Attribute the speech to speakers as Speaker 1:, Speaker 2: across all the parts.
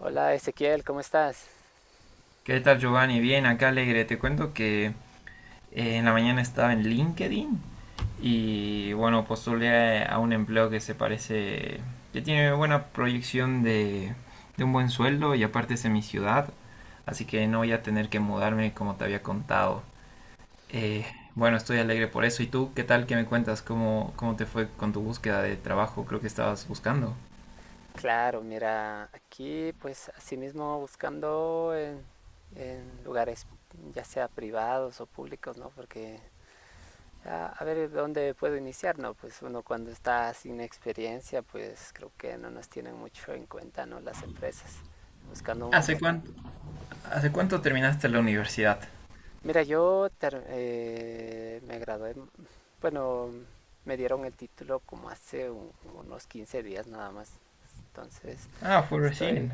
Speaker 1: Hola Ezequiel, ¿cómo estás?
Speaker 2: ¿Qué tal, Giovanni? Bien, acá alegre. Te cuento que en la mañana estaba en LinkedIn y bueno, postulé a un empleo que se parece, que tiene buena proyección de un buen sueldo y aparte es en mi ciudad, así que no voy a tener que mudarme como te había contado. Eh, bueno, estoy alegre por eso. ¿Y tú qué tal? ¿Qué me cuentas? ¿Cómo te fue con tu búsqueda de trabajo? Creo que estabas buscando.
Speaker 1: Claro, mira, aquí pues así mismo buscando en lugares ya sea privados o públicos, ¿no? Porque a ver dónde puedo iniciar, ¿no? Pues uno cuando está sin experiencia, pues creo que no nos tienen mucho en cuenta, ¿no? Las empresas. Buscando un
Speaker 2: ¿Hace
Speaker 1: puesto.
Speaker 2: cuánto, hace cuánto terminaste la universidad?
Speaker 1: Mira, me gradué, bueno, me dieron el título como hace unos 15 días nada más. Entonces,
Speaker 2: Ah, fue
Speaker 1: estoy,
Speaker 2: recién.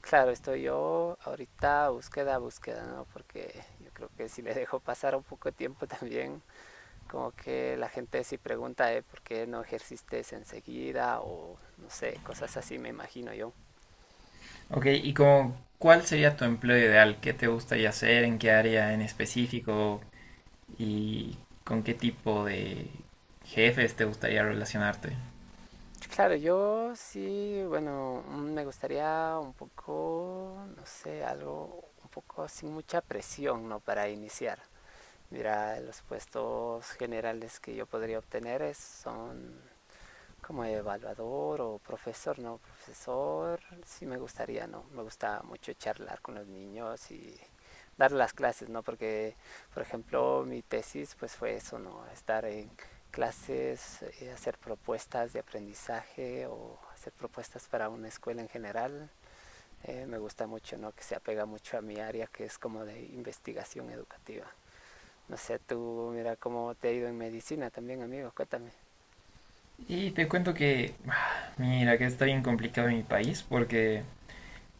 Speaker 1: claro, estoy yo ahorita búsqueda, búsqueda, ¿no? Porque yo creo que si le dejo pasar un poco de tiempo también, como que la gente sí pregunta, ¿eh? ¿Por qué no ejerciste enseguida? O no sé, cosas así me imagino yo.
Speaker 2: Ok, y como, ¿cuál sería tu empleo ideal? ¿Qué te gustaría hacer? ¿En qué área en específico? ¿Y con qué tipo de jefes te gustaría relacionarte?
Speaker 1: Claro, yo sí, bueno, me gustaría un poco, no sé, algo un poco sin mucha presión, ¿no? Para iniciar. Mira, los puestos generales que yo podría obtener son como evaluador o profesor, no, profesor, sí me gustaría, no, me gusta mucho charlar con los niños y dar las clases, ¿no? Porque, por ejemplo, mi tesis pues fue eso, ¿no? Estar en clases, hacer propuestas de aprendizaje o hacer propuestas para una escuela en general. Me gusta mucho, ¿no? Que se apega mucho a mi área que es como de investigación educativa. No sé, tú, mira cómo te ha ido en medicina también, amigo, cuéntame.
Speaker 2: Y te cuento que, ah, mira, que está bien complicado en mi país porque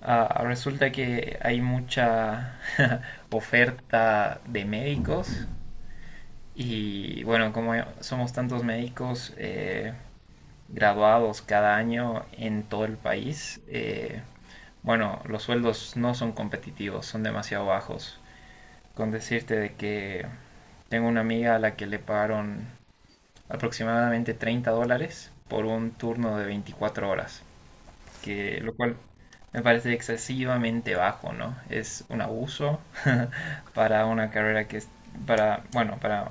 Speaker 2: resulta que hay mucha oferta de médicos y bueno, como somos tantos médicos, graduados cada año en todo el país, bueno, los sueldos no son competitivos, son demasiado bajos. Con decirte de que tengo una amiga a la que le pagaron aproximadamente $30 por un turno de 24 horas, que lo cual me parece excesivamente bajo, ¿no? Es un abuso para una carrera que es para, bueno,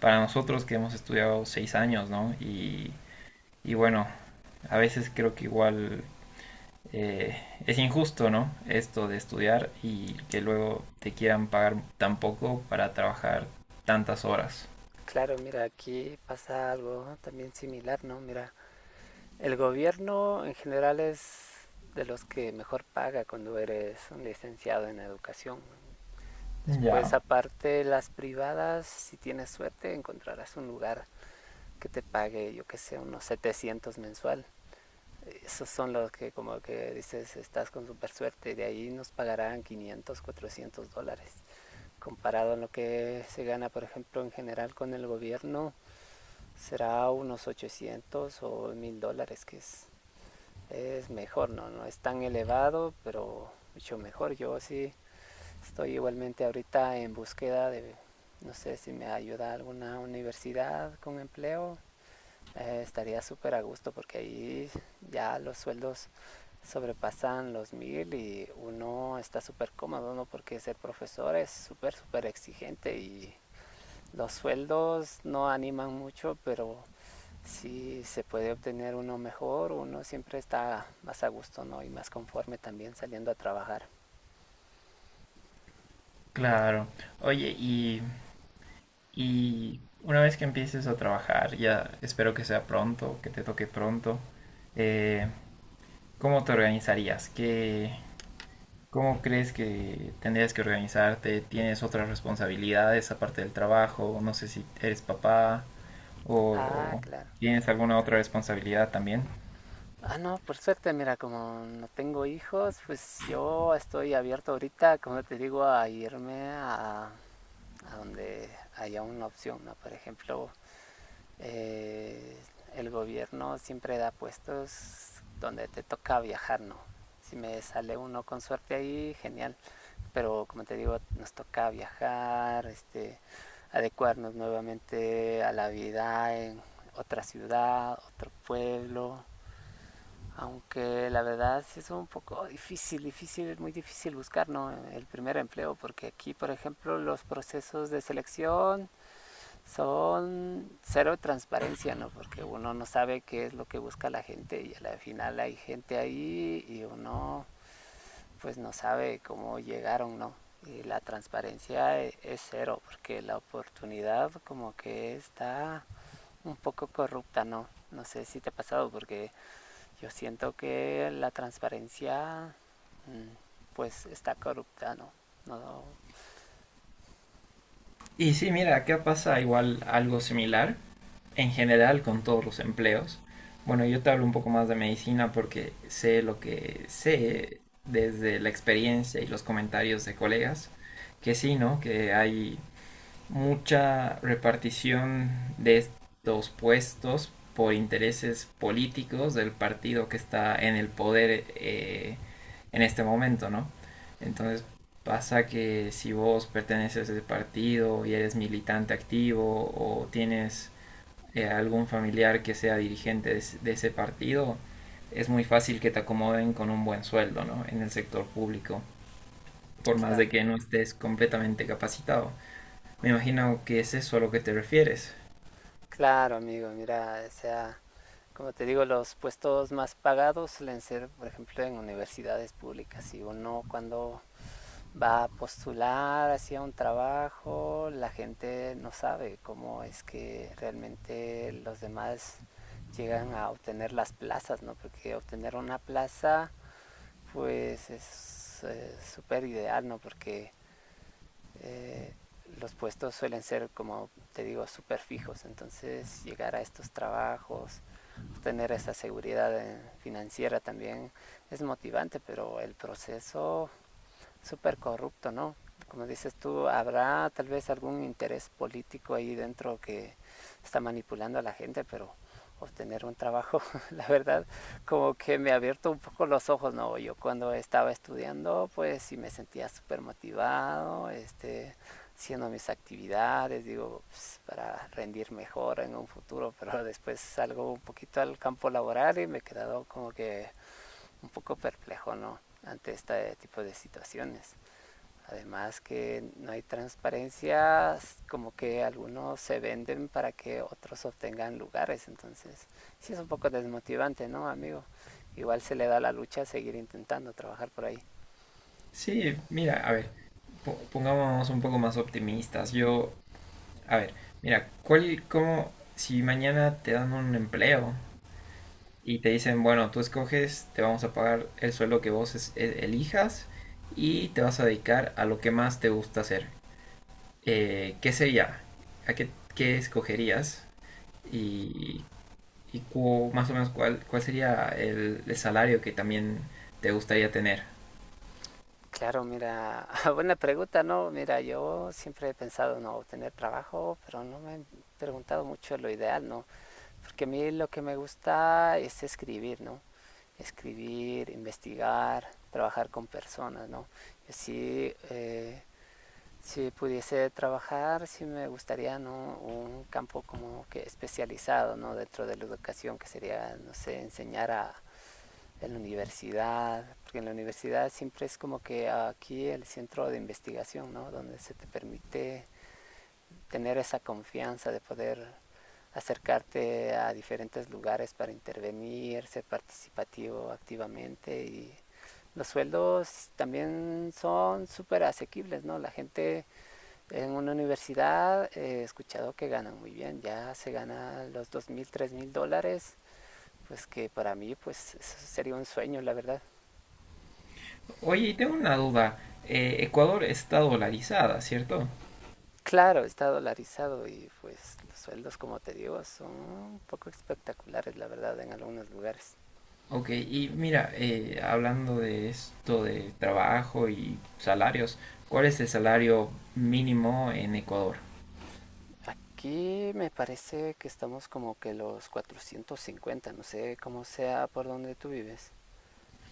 Speaker 2: para nosotros que hemos estudiado 6 años, ¿no? Y bueno, a veces creo que igual eh, es injusto, ¿no? Esto de estudiar y que luego te quieran pagar tan poco para trabajar tantas horas.
Speaker 1: Claro, mira, aquí pasa algo también similar, ¿no? Mira, el gobierno en general es de los que mejor paga cuando eres un licenciado en educación. Después,
Speaker 2: Ya,
Speaker 1: aparte, las privadas, si tienes suerte, encontrarás un lugar que te pague, yo que sé, unos 700 mensual. Esos son los que como que dices, estás con super suerte, de ahí nos pagarán 500, 400 dólares. Comparado a lo que se gana, por ejemplo, en general con el gobierno, será unos 800 o 1.000 dólares, que es mejor, ¿no? No es tan elevado, pero mucho mejor. Yo sí estoy igualmente ahorita en búsqueda de, no sé si me ayuda alguna universidad con empleo, estaría súper a gusto porque ahí ya los sueldos sobrepasan los mil y uno está súper cómodo, ¿no? Porque ser profesor es súper, súper exigente y los sueldos no animan mucho, pero si se puede obtener uno mejor, uno siempre está más a gusto, ¿no? Y más conforme también saliendo a trabajar.
Speaker 2: claro. Oye, y una vez que empieces a trabajar, ya espero que sea pronto, que te toque pronto, eh, ¿cómo te organizarías? ¿Cómo crees que tendrías que organizarte? ¿Tienes otras responsabilidades aparte del trabajo? No sé si eres papá,
Speaker 1: Ah,
Speaker 2: ¿O
Speaker 1: claro.
Speaker 2: tienes alguna otra responsabilidad también?
Speaker 1: Ah, no, por suerte, mira, como no tengo hijos, pues yo estoy abierto ahorita, como te digo, a irme a donde haya una opción, ¿no? Por ejemplo, Eh, el gobierno siempre da puestos donde te toca viajar, ¿no? Si me sale uno con suerte ahí, genial. Pero como te digo, nos toca viajar, adecuarnos nuevamente a la vida en otra ciudad, otro pueblo. Aunque la verdad sí es un poco difícil, difícil, muy difícil buscar, ¿no?, el primer empleo, porque aquí, por ejemplo, los procesos de selección son cero transparencia, ¿no? Porque uno no sabe qué es lo que busca la gente y al final hay gente ahí y uno pues no sabe cómo llegaron, ¿no? Y la transparencia es cero, porque la oportunidad como que está un poco corrupta, ¿no? No sé si te ha pasado, porque yo siento que la transparencia mm, pues está corrupta, ¿no? No, no.
Speaker 2: Y sí, mira, acá pasa igual algo similar, en general con todos los empleos. Bueno, yo te hablo un poco más de medicina porque sé lo que sé desde la experiencia y los comentarios de colegas, que sí, ¿no? Que hay mucha repartición de estos puestos por intereses políticos del partido que está en el poder en este momento, ¿no? Entonces pasa que si vos perteneces a ese partido y eres militante activo o tienes algún familiar que sea dirigente de ese partido, es muy fácil que te acomoden con un buen sueldo, ¿no? En el sector público, por más de que no estés completamente capacitado. Me imagino que es eso a lo que te refieres.
Speaker 1: Claro, amigo, mira, o sea, como te digo, los puestos más pagados suelen ser, por ejemplo, en universidades públicas. Y uno cuando va a postular hacia un trabajo, la gente no sabe cómo es que realmente los demás llegan a obtener las plazas, ¿no? Porque obtener una plaza, pues es súper ideal, ¿no? Porque eh, los puestos suelen ser, como te digo, súper fijos. Entonces, llegar a estos trabajos, tener esa seguridad financiera también es motivante, pero el proceso súper corrupto, ¿no? Como dices tú, habrá tal vez algún interés político ahí dentro que está manipulando a la gente, pero obtener un trabajo, la verdad, como que me ha abierto un poco los ojos, ¿no? Yo cuando estaba estudiando, pues sí me sentía súper motivado, haciendo mis actividades, digo, pues, para rendir mejor en un futuro, pero después salgo un poquito al campo laboral y me he quedado como que un poco perplejo, ¿no? Ante este tipo de situaciones. Además que no hay transparencia, como que algunos se venden para que otros obtengan lugares, entonces sí es un poco desmotivante, ¿no, amigo? Igual se le da la lucha a seguir intentando trabajar por ahí.
Speaker 2: Sí, mira, a ver, pongámonos un poco más optimistas. Yo, a ver, mira, ¿cuál, cómo, si mañana te dan un empleo y te dicen, bueno, tú escoges, te vamos a pagar el sueldo que vos elijas y te vas a dedicar a lo que más te gusta hacer? ¿Qué sería? ¿A qué, qué escogerías? Y, y más o menos cuál sería el salario que también te gustaría tener.
Speaker 1: Claro, mira, buena pregunta, ¿no? Mira, yo siempre he pensado, no, obtener trabajo, pero no me he preguntado mucho lo ideal, ¿no? Porque a mí lo que me gusta es escribir, ¿no? Escribir, investigar, trabajar con personas, ¿no? Yo sí, si pudiese trabajar, sí me gustaría, ¿no?, un campo como que especializado, ¿no?, dentro de la educación, que sería, no sé, enseñar en la universidad, porque en la universidad siempre es como que aquí el centro de investigación, ¿no?, donde se te permite tener esa confianza de poder acercarte a diferentes lugares para intervenir, ser participativo activamente y los sueldos también son súper asequibles, ¿no? La gente en una universidad, he escuchado que ganan muy bien, ya se gana los 2.000 3.000 dólares, pues que para mí pues eso sería un sueño, la verdad.
Speaker 2: Oye, y tengo una duda. Ecuador está dolarizada, ¿cierto?
Speaker 1: Claro, está dolarizado y pues los sueldos, como te digo, son un poco espectaculares, la verdad, en algunos lugares.
Speaker 2: Ok, y mira, hablando de esto de trabajo y salarios, ¿cuál es el salario mínimo en Ecuador?
Speaker 1: Aquí me parece que estamos como que los 450, no sé cómo sea por donde tú vives,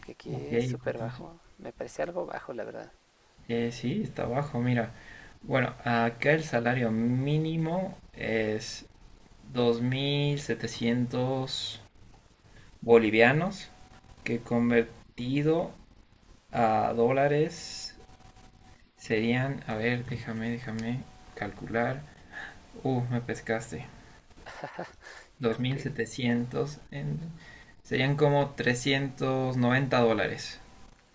Speaker 1: que aquí
Speaker 2: Ok,
Speaker 1: es súper
Speaker 2: cuatro-
Speaker 1: bajo, me parece algo bajo, la verdad.
Speaker 2: sí, está bajo, mira. Bueno, acá el salario mínimo es 2.700 bolivianos, que convertido a dólares serían, a ver, déjame, déjame calcular. Me pescaste. dos
Speaker 1: Creo
Speaker 2: mil
Speaker 1: que
Speaker 2: setecientos en- serían como $390.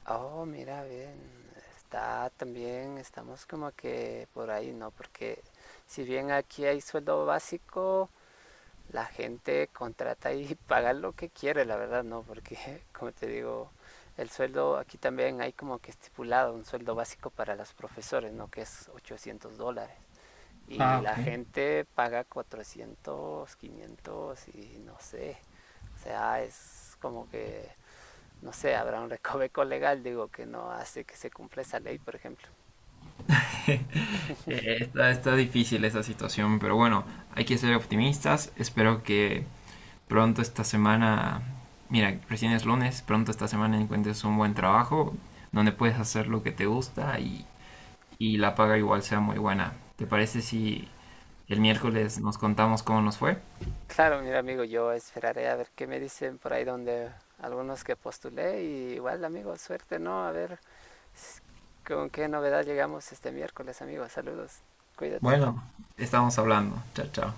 Speaker 1: Oh, mira, bien. Está también, estamos como que por ahí, ¿no? Porque si bien aquí hay sueldo básico, la gente contrata y paga lo que quiere, la verdad, ¿no? Porque, como te digo, el sueldo aquí también hay como que estipulado un sueldo básico para los profesores, ¿no? Que es 800 dólares. Y
Speaker 2: Ah, ok.
Speaker 1: la gente paga 400 500 y no sé. O sea, es como que no sé, habrá un recoveco legal, digo, que no hace que se cumpla esa ley, por ejemplo.
Speaker 2: Está, está difícil esa situación, pero bueno, hay que ser optimistas. Espero que pronto esta semana, mira, recién es lunes, pronto esta semana encuentres un buen trabajo donde puedes hacer lo que te gusta y la paga igual sea muy buena. ¿Te parece si el
Speaker 1: Claro,
Speaker 2: miércoles nos contamos cómo nos fue?
Speaker 1: claro, mira amigo, yo esperaré a ver qué me dicen por ahí donde algunos que postulé y igual amigo, suerte, ¿no? A ver con qué novedad llegamos este miércoles, amigo. Saludos, cuídate.
Speaker 2: Bueno, estamos hablando. Chao, chao.